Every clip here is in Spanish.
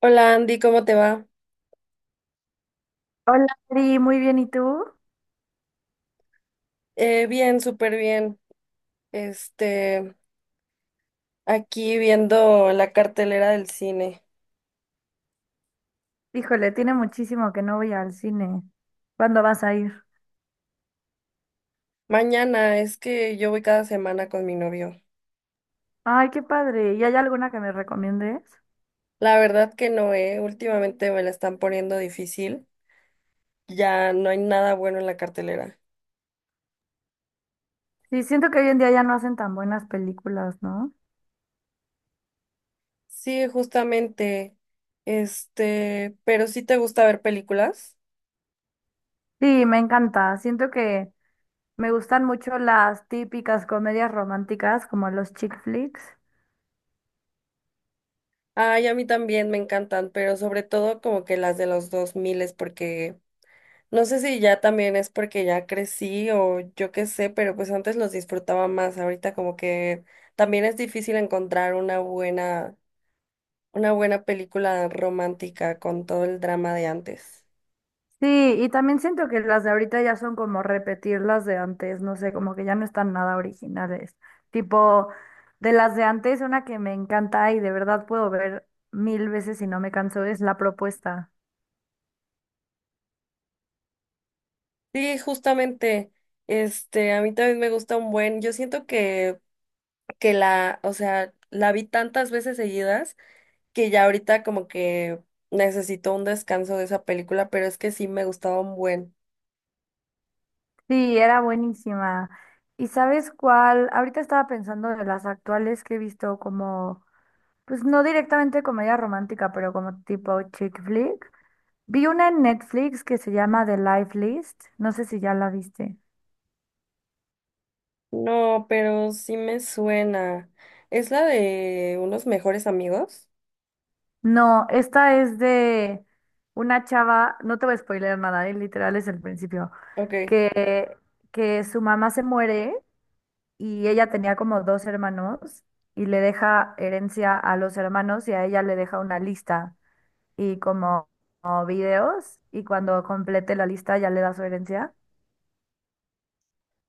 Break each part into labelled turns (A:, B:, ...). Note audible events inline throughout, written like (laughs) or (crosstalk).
A: Hola Andy, ¿cómo te va?
B: Hola, Ari, muy bien, ¿y tú?
A: Bien, súper bien. Este, Aquí viendo la cartelera del cine.
B: Híjole, tiene muchísimo que no voy al cine. ¿Cuándo vas a ir?
A: Mañana es que yo voy cada semana con mi novio.
B: Ay, qué padre. ¿Y hay alguna que me recomiendes?
A: La verdad que no, eh. Últimamente me la están poniendo difícil. Ya no hay nada bueno en la cartelera.
B: Sí, siento que hoy en día ya no hacen tan buenas películas, ¿no?
A: Sí, justamente. Pero sí te gusta ver películas.
B: Sí, me encanta. Siento que me gustan mucho las típicas comedias románticas como los chick flicks.
A: Ay, a mí también me encantan, pero sobre todo como que las de los 2000, porque no sé si ya también es porque ya crecí o yo qué sé, pero pues antes los disfrutaba más. Ahorita como que también es difícil encontrar una buena película romántica con todo el drama de antes.
B: Sí, y también siento que las de ahorita ya son como repetir las de antes, no sé, como que ya no están nada originales. Tipo, de las de antes, una que me encanta y de verdad puedo ver mil veces y no me canso es La Propuesta.
A: Sí, justamente, a mí también me gusta un buen. Yo siento que la, o sea, la vi tantas veces seguidas que ya ahorita como que necesito un descanso de esa película, pero es que sí me gustaba un buen.
B: Sí, era buenísima. ¿Y sabes cuál? Ahorita estaba pensando de las actuales que he visto como, pues no directamente comedia romántica, pero como tipo chick flick. Vi una en Netflix que se llama The Life List, no sé si ya la viste.
A: No, pero sí me suena. ¿Es la de unos mejores amigos?
B: No, esta es de una chava, no te voy a spoiler nada, literal es el principio,
A: Ok.
B: que, que su mamá se muere y ella tenía como dos hermanos y le deja herencia a los hermanos y a ella le deja una lista y como videos y cuando complete la lista ya le da su herencia.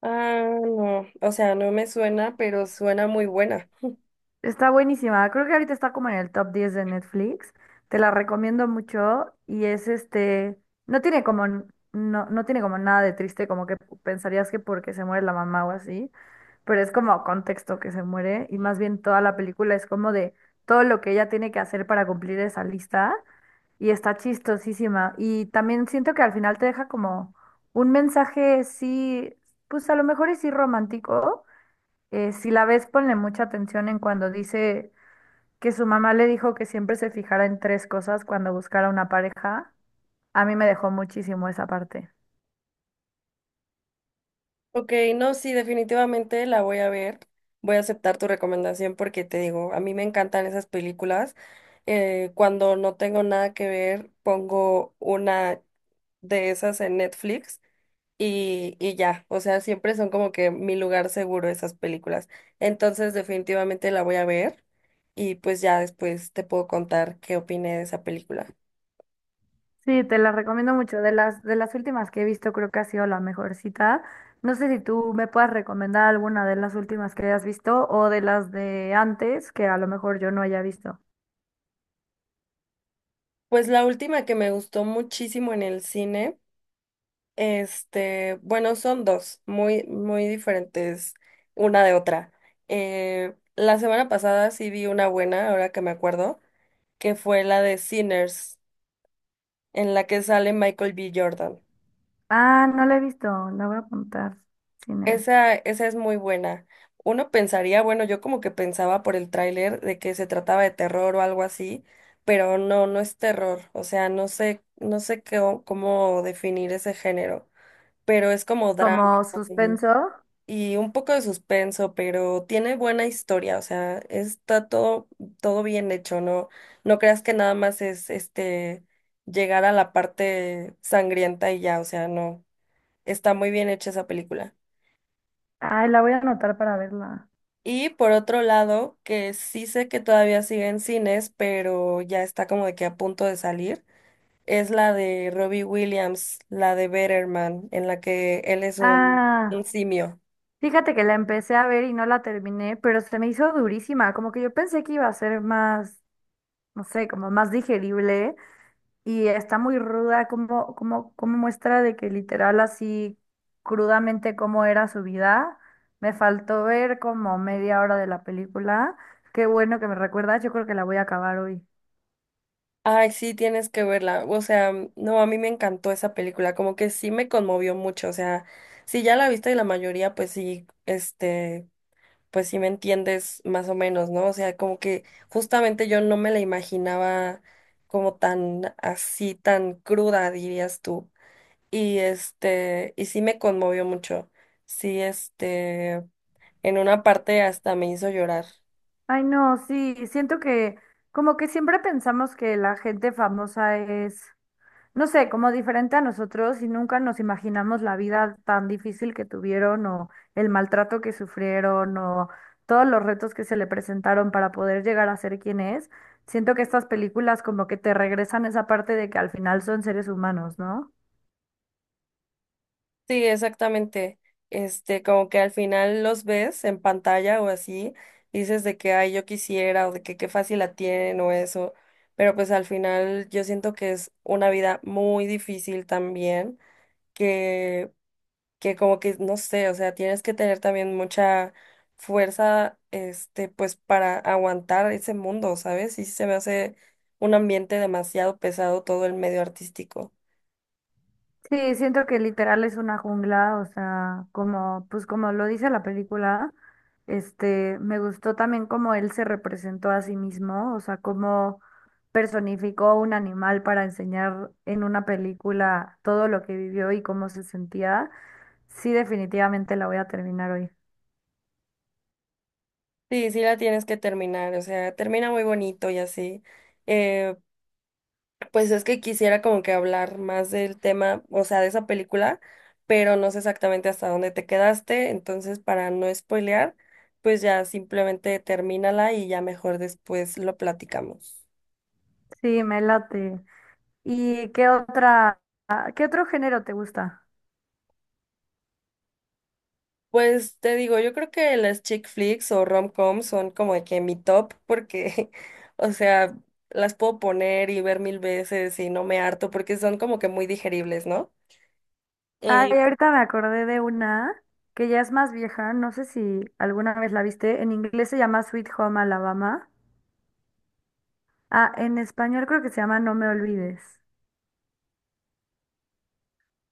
A: Ah, no. O sea, no me suena, pero suena muy buena.
B: Está buenísima. Creo que ahorita está como en el top 10 de Netflix. Te la recomiendo mucho y es este, no tiene como n- no tiene como nada de triste, como que pensarías que porque se muere la mamá o así, pero es como contexto que se muere y más bien toda la película es como de todo lo que ella tiene que hacer para cumplir esa lista y está chistosísima y también siento que al final te deja como un mensaje sí, pues a lo mejor es sí romántico. Si la ves, ponle mucha atención en cuando dice que su mamá le dijo que siempre se fijara en tres cosas cuando buscara una pareja. A mí me dejó muchísimo esa parte.
A: Ok, no, sí, definitivamente la voy a ver. Voy a aceptar tu recomendación porque te digo, a mí me encantan esas películas. Cuando no tengo nada que ver, pongo una de esas en Netflix y ya, o sea, siempre son como que mi lugar seguro esas películas. Entonces, definitivamente la voy a ver y pues ya después te puedo contar qué opiné de esa película.
B: Sí, te la recomiendo mucho. De las últimas que he visto, creo que ha sido la mejor cita. No sé si tú me puedas recomendar alguna de las últimas que hayas visto o de las de antes que a lo mejor yo no haya visto.
A: Pues la última que me gustó muchísimo en el cine, bueno, son dos, muy, muy diferentes una de otra. La semana pasada sí vi una buena, ahora que me acuerdo, que fue la de Sinners, en la que sale Michael B. Jordan.
B: Ah, no la he visto. La voy a apuntar. Sinners.
A: Esa es muy buena. Uno pensaría, bueno, yo como que pensaba por el tráiler de que se trataba de terror o algo así, pero no, no es terror. O sea, no sé, no sé qué, cómo definir ese género, pero es como drama
B: Como
A: y,
B: suspenso.
A: y un poco de suspenso, pero tiene buena historia. O sea, está todo bien hecho, ¿no? No creas que nada más es llegar a la parte sangrienta y ya, o sea, no. Está muy bien hecha esa película.
B: Ay, la voy a anotar para verla.
A: Y por otro lado, que sí sé que todavía sigue en cines, pero ya está como de que a punto de salir, es la de Robbie Williams, la de Better Man, en la que él es un
B: Ah.
A: simio.
B: Fíjate que la empecé a ver y no la terminé, pero se me hizo durísima, como que yo pensé que iba a ser más, no sé, como más digerible y está muy ruda, como muestra de que literal así crudamente cómo era su vida. Me faltó ver como media hora de la película. Qué bueno que me recuerdas, yo creo que la voy a acabar hoy.
A: Ay, sí, tienes que verla. O sea, no, a mí me encantó esa película, como que sí me conmovió mucho. O sea, si ya la viste y la mayoría, pues sí, pues si me entiendes más o menos, ¿no? O sea, como que justamente yo no me la imaginaba como tan así, tan cruda, dirías tú. Y sí me conmovió mucho. Sí, en una parte hasta me hizo llorar.
B: Ay, no, sí, siento que como que siempre pensamos que la gente famosa es no sé, como diferente a nosotros y nunca nos imaginamos la vida tan difícil que tuvieron o el maltrato que sufrieron o todos los retos que se le presentaron para poder llegar a ser quien es. Siento que estas películas como que te regresan esa parte de que al final son seres humanos, ¿no?
A: Sí, exactamente. Como que al final los ves en pantalla o así, dices de que, ay, yo quisiera, o de que qué fácil la tienen o eso, pero pues al final yo siento que es una vida muy difícil también que, que como que, no sé, o sea, tienes que tener también mucha fuerza, pues para aguantar ese mundo, ¿sabes? Y sí se me hace un ambiente demasiado pesado todo el medio artístico.
B: Sí, siento que literal es una jungla, o sea, como, pues como lo dice la película, este, me gustó también cómo él se representó a sí mismo, o sea, cómo personificó un animal para enseñar en una película todo lo que vivió y cómo se sentía. Sí, definitivamente la voy a terminar hoy.
A: Sí, sí la tienes que terminar, o sea, termina muy bonito y así. eh, Pues es que quisiera como que hablar más del tema, o sea, de esa película, pero no sé exactamente hasta dónde te quedaste, entonces para no spoilear, pues ya simplemente termínala y ya mejor después lo platicamos.
B: Sí, me late. ¿Y qué otro género te gusta?
A: Pues te digo, yo creo que las chick flicks o rom-com son como de que mi top porque, (laughs) o sea, las puedo poner y ver mil veces y no me harto porque son como que muy digeribles, ¿no? Eh,
B: Ay, ahorita me acordé de una que ya es más vieja, no sé si alguna vez la viste. En inglés se llama Sweet Home Alabama. Ah, en español creo que se llama No me olvides.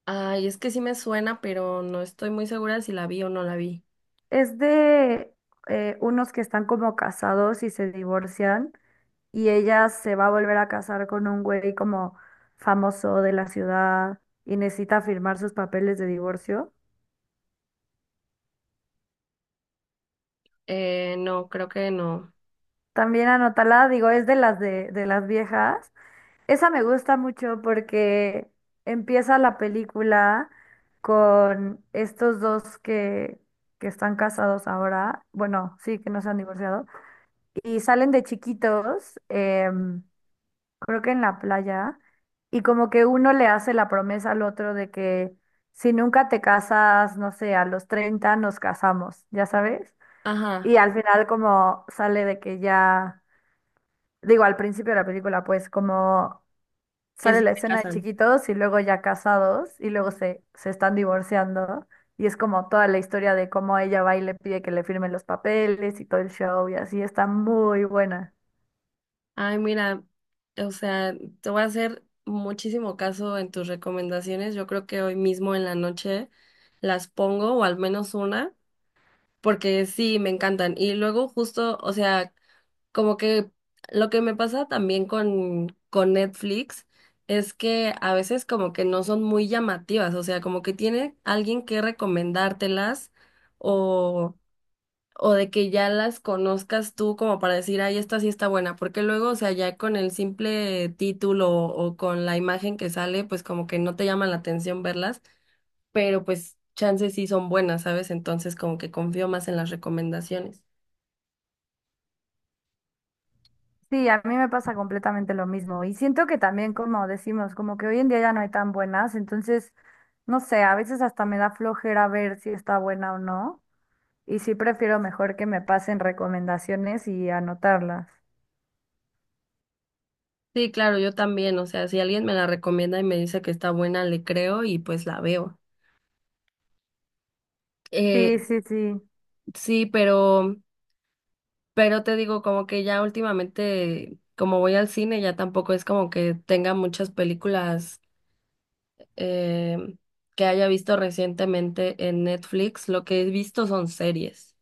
A: Ay, es que sí me suena, pero no estoy muy segura si la vi o no la vi.
B: Es de unos que están como casados y se divorcian y ella se va a volver a casar con un güey como famoso de la ciudad y necesita firmar sus papeles de divorcio.
A: No, creo que no.
B: También anótala, digo, es de las de las viejas. Esa me gusta mucho porque empieza la película con estos dos que están casados ahora, bueno, sí, que no se han divorciado, y salen de chiquitos, creo que en la playa, y como que uno le hace la promesa al otro de que si nunca te casas, no sé, a los 30 nos casamos, ya sabes,
A: Ajá,
B: y al final como sale de que ya, digo, al principio de la película, pues como
A: que
B: sale
A: sí
B: la
A: se
B: escena de
A: casan.
B: chiquitos y luego ya casados y luego se están divorciando y es como toda la historia de cómo ella va y le pide que le firmen los papeles y todo el show y así está muy buena.
A: Ay, mira, o sea, te voy a hacer muchísimo caso en tus recomendaciones. Yo creo que hoy mismo en la noche las pongo, o al menos una, porque sí, me encantan. Y luego justo, o sea, como que lo que me pasa también con Netflix es que a veces como que no son muy llamativas, o sea, como que tiene alguien que recomendártelas o... o de que ya las conozcas tú como para decir, ay, esta sí está buena, porque luego, o sea, ya con el simple título o con la imagen que sale, pues como que no te llama la atención verlas, pero pues chances sí son buenas, ¿sabes? Entonces como que confío más en las recomendaciones.
B: Sí, a mí me pasa completamente lo mismo y siento que también como decimos, como que hoy en día ya no hay tan buenas, entonces no sé, a veces hasta me da flojera ver si está buena o no y sí prefiero mejor que me pasen recomendaciones y anotarlas.
A: Sí, claro, yo también, o sea, si alguien me la recomienda y me dice que está buena, le creo y pues la veo. Eh,
B: Sí, sí, sí.
A: sí, pero te digo, como que ya últimamente, como voy al cine, ya tampoco es como que tenga muchas películas eh, que haya visto recientemente en Netflix. Lo que he visto son series.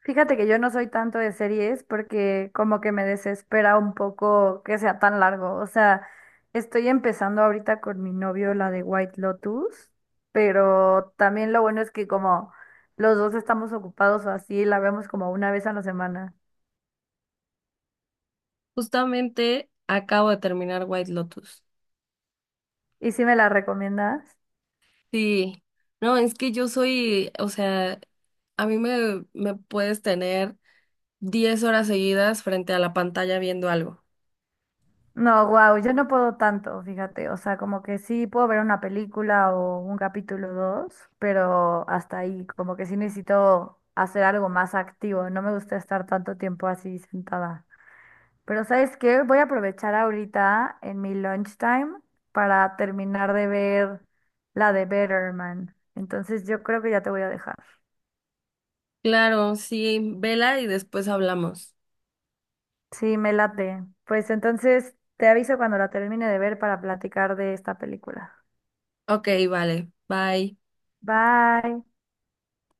B: Fíjate que yo no soy tanto de series porque como que me desespera un poco que sea tan largo. O sea, estoy empezando ahorita con mi novio la de White Lotus, pero también lo bueno es que como los dos estamos ocupados o así, la vemos como una vez a la semana.
A: Justamente acabo de terminar White Lotus.
B: ¿Y si me la recomiendas?
A: Sí, no, es que yo soy, o sea, a mí me puedes tener 10 horas seguidas frente a la pantalla viendo algo.
B: No, wow, yo no puedo tanto, fíjate. O sea, como que sí puedo ver una película o un capítulo dos, pero hasta ahí, como que sí necesito hacer algo más activo. No me gusta estar tanto tiempo así sentada. Pero ¿sabes qué? Voy a aprovechar ahorita en mi lunchtime para terminar de ver la de Better Man. Entonces yo creo que ya te voy a dejar.
A: Claro, sí, vela y después hablamos.
B: Sí, me late. Pues entonces te aviso cuando la termine de ver para platicar de esta película.
A: Ok, vale, bye.
B: Bye.